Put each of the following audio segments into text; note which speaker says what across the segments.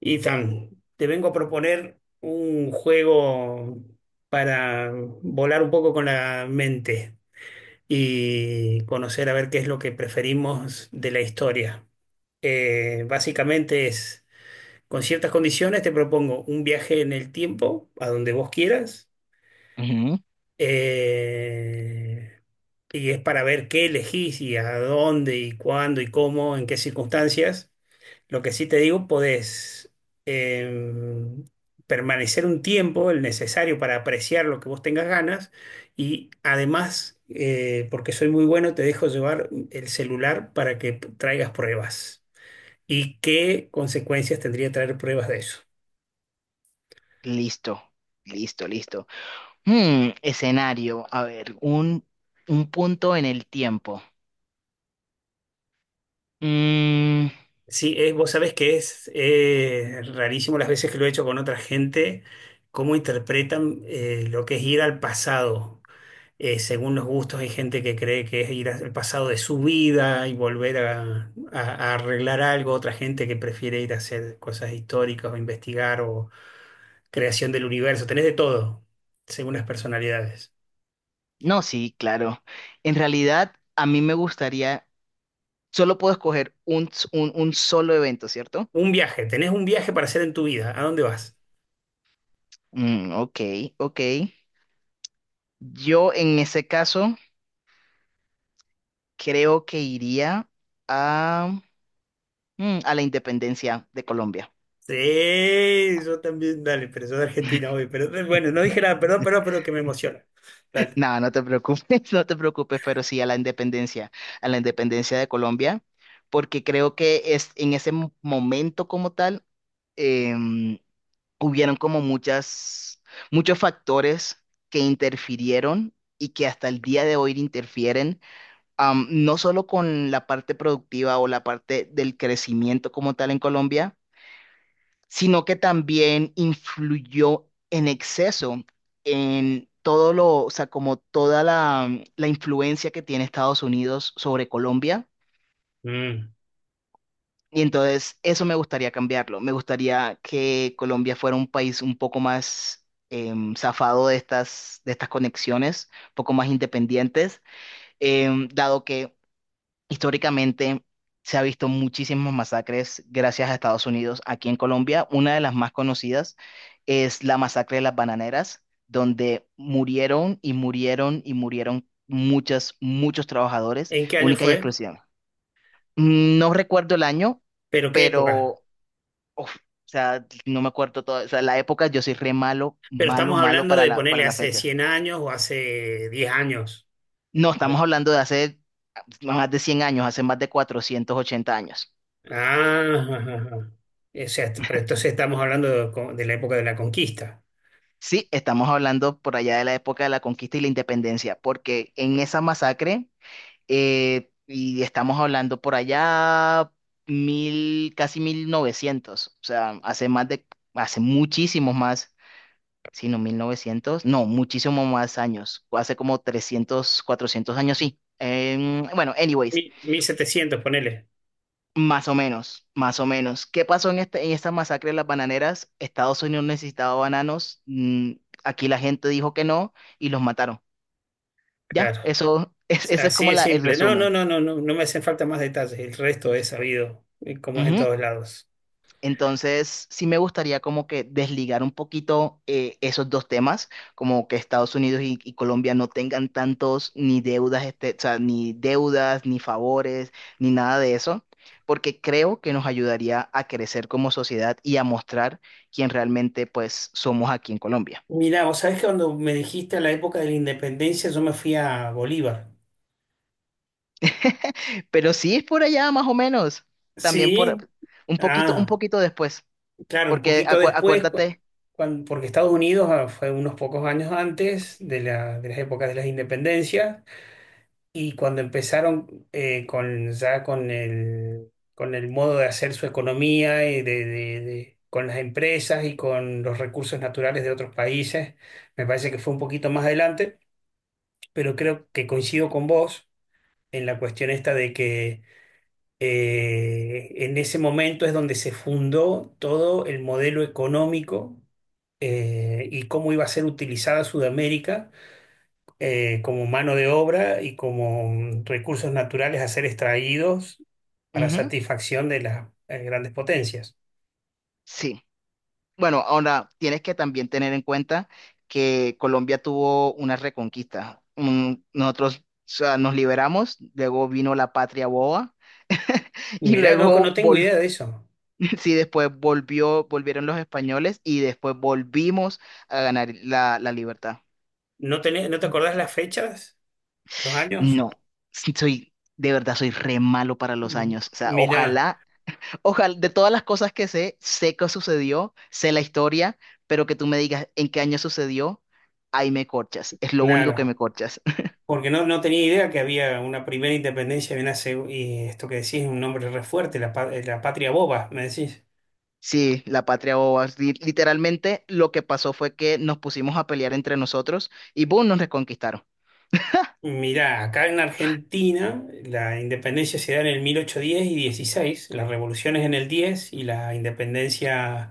Speaker 1: Ethan, te vengo a proponer un juego para volar un poco con la mente y conocer a ver qué es lo que preferimos de la historia. Básicamente es, con ciertas condiciones, te propongo un viaje en el tiempo, a donde vos quieras,
Speaker 2: Ujú.
Speaker 1: eh, y es para ver qué elegís y a dónde y cuándo y cómo, en qué circunstancias. Lo que sí te digo, podés em, permanecer un tiempo, el necesario para apreciar lo que vos tengas ganas y además, porque soy muy bueno, te dejo llevar el celular para que traigas pruebas. ¿Y qué consecuencias tendría traer pruebas de eso?
Speaker 2: Listo, listo. Hmm, escenario, a ver, un punto en el tiempo. Mm,
Speaker 1: Sí, vos sabés que es rarísimo las veces que lo he hecho con otra gente, cómo interpretan lo que es ir al pasado. Según los gustos, hay gente que cree que es ir al pasado de su vida y volver a arreglar algo, otra gente que prefiere ir a hacer cosas históricas o investigar o creación del universo. Tenés de todo, según las personalidades.
Speaker 2: no, sí, claro. En realidad, a mí me gustaría, solo puedo escoger un solo evento, ¿cierto?
Speaker 1: Un viaje, tenés un viaje para hacer en tu vida. ¿A dónde vas?
Speaker 2: Mm, ok, ok. Yo en ese caso creo que iría a, a la independencia de Colombia.
Speaker 1: Sí, yo también, dale, pero soy de Argentina hoy. Pero bueno, no dije nada, perdón, perdón, pero que me emociona. Dale.
Speaker 2: No, no te preocupes, no te preocupes, pero sí a la independencia de Colombia, porque creo que es en ese momento como tal, em, hubieron como muchos factores que interfirieron y que hasta el día de hoy interfieren, no solo con la parte productiva o la parte del crecimiento como tal en Colombia, sino que también influyó en exceso en todo o sea, como toda la influencia que tiene Estados Unidos sobre Colombia.
Speaker 1: Mm.
Speaker 2: Y entonces eso me gustaría cambiarlo. Me gustaría que Colombia fuera un país un poco más zafado de de estas conexiones, un poco más independientes, dado que históricamente se ha visto muchísimas masacres gracias a Estados Unidos aquí en Colombia. Una de las más conocidas es la masacre de las bananeras, donde murieron y murieron y murieron muchas, muchos trabajadores,
Speaker 1: ¿En qué año
Speaker 2: única y
Speaker 1: fue?
Speaker 2: exclusiva. No recuerdo el año,
Speaker 1: ¿Pero qué época?
Speaker 2: pero uf, o sea, no me acuerdo todo, o sea, la época yo soy re malo,
Speaker 1: Pero
Speaker 2: malo,
Speaker 1: estamos
Speaker 2: malo
Speaker 1: hablando
Speaker 2: para
Speaker 1: de
Speaker 2: para
Speaker 1: ponerle
Speaker 2: la
Speaker 1: hace
Speaker 2: fecha.
Speaker 1: 100 años o hace 10 años.
Speaker 2: No,
Speaker 1: Ah,
Speaker 2: estamos hablando de hace más de 100 años, hace más de 480 años.
Speaker 1: ajá, ajá. O sea, pero entonces estamos hablando de, de la época de la conquista.
Speaker 2: Sí, estamos hablando por allá de la época de la conquista y la independencia, porque en esa masacre, y estamos hablando por allá casi 1900, o sea, hace más de, hace muchísimos más, si no 1900, no, muchísimos más años, hace como 300 400 años, sí. Em, bueno, anyways,
Speaker 1: Mil setecientos, ponele.
Speaker 2: más o menos, más o menos. ¿Qué pasó en esta masacre de las bananeras? Estados Unidos necesitaba bananos, mm, aquí la gente dijo que no y los mataron. Ya,
Speaker 1: Claro.
Speaker 2: eso es, ese es
Speaker 1: Así
Speaker 2: como
Speaker 1: es
Speaker 2: el
Speaker 1: simple. No, no,
Speaker 2: resumen.
Speaker 1: no, no, no, no me hacen falta más detalles. El resto es sabido, como es en
Speaker 2: Ujú.
Speaker 1: todos lados.
Speaker 2: Entonces, sí me gustaría como que desligar un poquito, esos dos temas, como que Estados Unidos y Colombia no tengan tantos ni deudas, este, o sea, ni deudas, ni favores, ni nada de eso, porque creo que nos ayudaría a crecer como sociedad y a mostrar quién realmente pues somos aquí en Colombia.
Speaker 1: Mirá, vos sabés que cuando me dijiste la época de la independencia, yo me fui a Bolívar.
Speaker 2: Pero sí es por allá más o menos, también por
Speaker 1: Sí.
Speaker 2: un
Speaker 1: Ah,
Speaker 2: poquito después,
Speaker 1: claro, un
Speaker 2: porque
Speaker 1: poquito después,
Speaker 2: acuérdate.
Speaker 1: porque Estados Unidos ah, fue unos pocos años antes de la, de las épocas de las independencias. Y cuando empezaron con, ya con el modo de hacer su economía y de, con las empresas y con los recursos naturales de otros países, me parece que fue un poquito más adelante, pero creo que coincido con vos en la cuestión esta de que en ese momento es donde se fundó todo el modelo económico y cómo iba a ser utilizada Sudamérica como mano de obra y como recursos naturales a ser extraídos para
Speaker 2: Ujú.
Speaker 1: satisfacción de las grandes potencias.
Speaker 2: Sí. Bueno, ahora tienes que también tener en cuenta que Colombia tuvo una reconquista. Mm. Nosotros, o sea, nos liberamos, luego vino la patria boba. Y
Speaker 1: Mirá, loco,
Speaker 2: luego
Speaker 1: no tengo idea de eso.
Speaker 2: sí, después volvió, volvieron los españoles y después volvimos a ganar la libertad.
Speaker 1: No te acordás las fechas? ¿Los años?
Speaker 2: No, soy, de verdad soy re malo para los
Speaker 1: Mm,
Speaker 2: años. O sea,
Speaker 1: mirá,
Speaker 2: ojalá. Ojalá, de todas las cosas que sé, sé qué sucedió, sé la historia, pero que tú me digas en qué año sucedió, ahí me corchas. Es lo único que me
Speaker 1: claro.
Speaker 2: corchas.
Speaker 1: Porque no, no tenía idea que había una primera independencia y, y esto que decís, un nombre re fuerte, la patria boba, me decís.
Speaker 2: Sí, la patria boba. Literalmente lo que pasó fue que nos pusimos a pelear entre nosotros y boom, nos reconquistaron.
Speaker 1: Mirá, acá en Argentina la independencia se da en el 1810 y 16, las revoluciones en el 10 y la independencia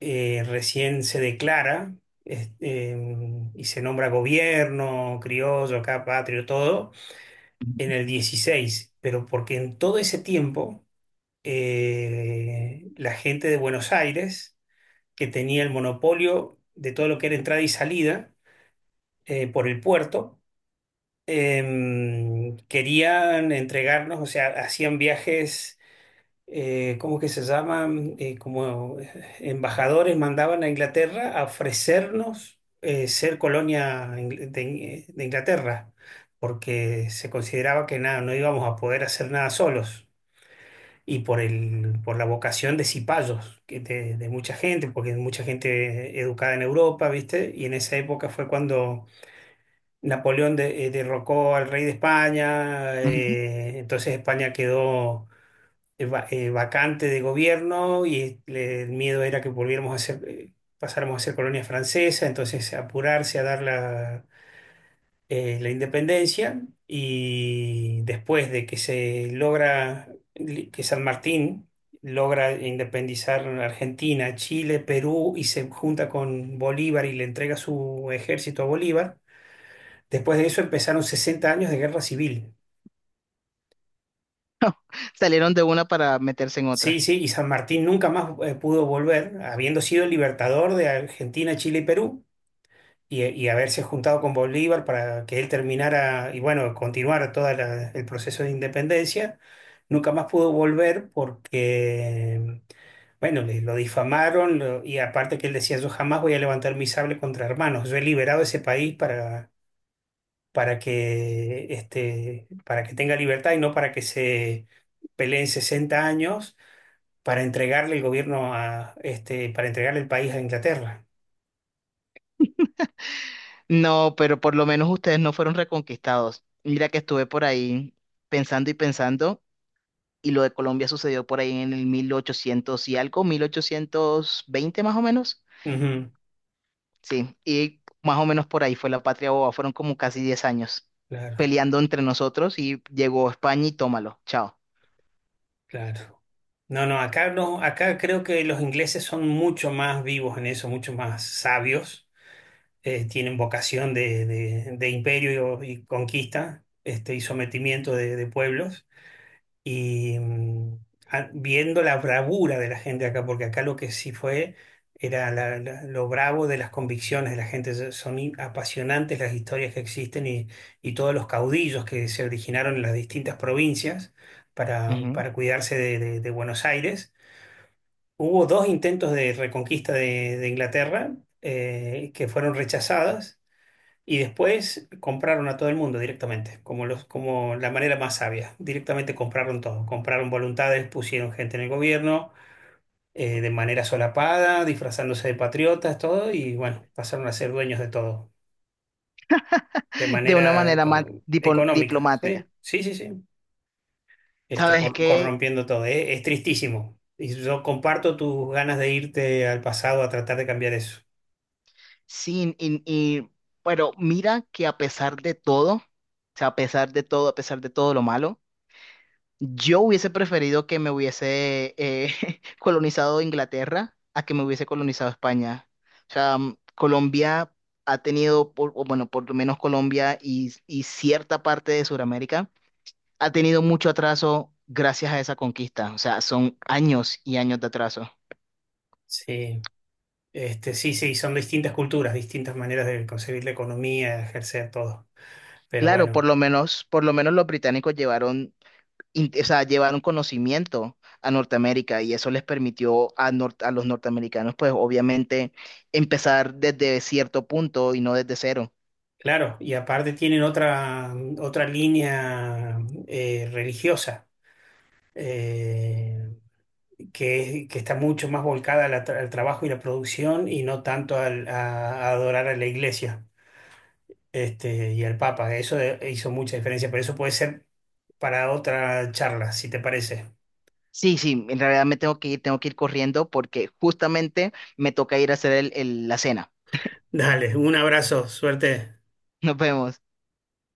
Speaker 1: recién se declara y se nombra gobierno, criollo, acá patrio, todo, en el 16, pero porque en todo ese tiempo la gente de Buenos Aires, que tenía el monopolio de todo lo que era entrada y salida por el puerto, querían entregarnos, o sea, hacían viajes, ¿cómo que se llaman? Como embajadores mandaban a Inglaterra a ofrecernos ser colonia de Inglaterra, porque se consideraba que nada, no íbamos a poder hacer nada solos. Y por el, por la vocación de cipayos, de mucha gente, porque mucha gente educada en Europa, ¿viste? Y en esa época fue cuando Napoleón derrocó al rey de España,
Speaker 2: Ujú.
Speaker 1: entonces España quedó vacante de gobierno y el miedo era que volviéramos a ser, pasáramos a ser colonia francesa, entonces apurarse a dar la, la independencia y después de que se logra, que San Martín logra independizar Argentina, Chile, Perú y se junta con Bolívar y le entrega su ejército a Bolívar. Después de eso empezaron 60 años de guerra civil.
Speaker 2: Salieron de una para meterse en
Speaker 1: Sí,
Speaker 2: otra.
Speaker 1: sí, y San Martín nunca más pudo volver, habiendo sido el libertador de Argentina, Chile y Perú, y haberse juntado con Bolívar para que él terminara y bueno, continuara todo el proceso de independencia. Nunca más pudo volver porque, bueno, lo difamaron y aparte que él decía, yo jamás voy a levantar mi sable contra hermanos, yo he liberado ese país para que, este, para que tenga libertad y no para que se peleen sesenta años para entregarle el gobierno a, este, para entregarle el país a Inglaterra.
Speaker 2: No, pero por lo menos ustedes no fueron reconquistados. Mira que estuve por ahí pensando y pensando. Y lo de Colombia sucedió por ahí en el 1800 y algo, 1820 más o menos.
Speaker 1: Ujú,
Speaker 2: Sí, y más o menos por ahí fue la patria boba. Fueron como casi 10 años
Speaker 1: claro,
Speaker 2: peleando entre nosotros y llegó España y tómalo, chao.
Speaker 1: claro. No, no, acá no, acá creo que los ingleses son mucho más vivos en eso, mucho más sabios, tienen vocación de, de imperio y conquista, este, y sometimiento de pueblos. Y viendo la bravura de la gente acá, porque acá lo que sí fue era lo bravo de las convicciones de la gente. Son apasionantes las historias que existen y todos los caudillos que se originaron en las distintas provincias
Speaker 2: Ujú.
Speaker 1: para cuidarse de, de Buenos Aires. Hubo dos intentos de reconquista de Inglaterra que fueron rechazadas y después compraron a todo el mundo directamente, como, los, como la manera más sabia. Directamente compraron todo. Compraron voluntades, pusieron gente en el gobierno, de manera solapada, disfrazándose de patriotas, todo, y bueno, pasaron a ser dueños de todo, de
Speaker 2: De una
Speaker 1: manera
Speaker 2: manera más
Speaker 1: económica.
Speaker 2: diplomática.
Speaker 1: Sí, sí, sí, sí. Este,
Speaker 2: ¿Sabes qué?
Speaker 1: corrompiendo todo. Es tristísimo. Y yo comparto tus ganas de irte al pasado a tratar de cambiar eso.
Speaker 2: Sí, pero mira que a pesar de todo, o sea, a pesar de todo, a pesar de todo lo malo, yo hubiese preferido que me hubiese colonizado Inglaterra a que me hubiese colonizado España. O sea, mm, Colombia ha tenido, o bueno, por lo menos Colombia y cierta parte de Sudamérica, ha tenido mucho atraso gracias a esa conquista. O sea, son años y años de atraso.
Speaker 1: Sí, este, sí, sí, son distintas culturas, distintas maneras de concebir la economía, ejercer todo. Pero
Speaker 2: Claro,
Speaker 1: bueno,
Speaker 2: por lo menos los británicos llevaron o sea, llevaron conocimiento a Norteamérica y eso les permitió a, a los norteamericanos, pues obviamente, empezar desde cierto punto y no desde cero.
Speaker 1: claro, y aparte tienen otra, otra línea religiosa eh, que está mucho más volcada a trabajo y la producción y no tanto a adorar a la iglesia este, y al Papa. Eso hizo mucha diferencia, pero eso puede ser para otra charla, si te parece.
Speaker 2: Sí, sí, en realidad me tengo que ir corriendo porque justamente me toca ir a hacer la cena.
Speaker 1: Dale, un abrazo, suerte.
Speaker 2: Nos vemos.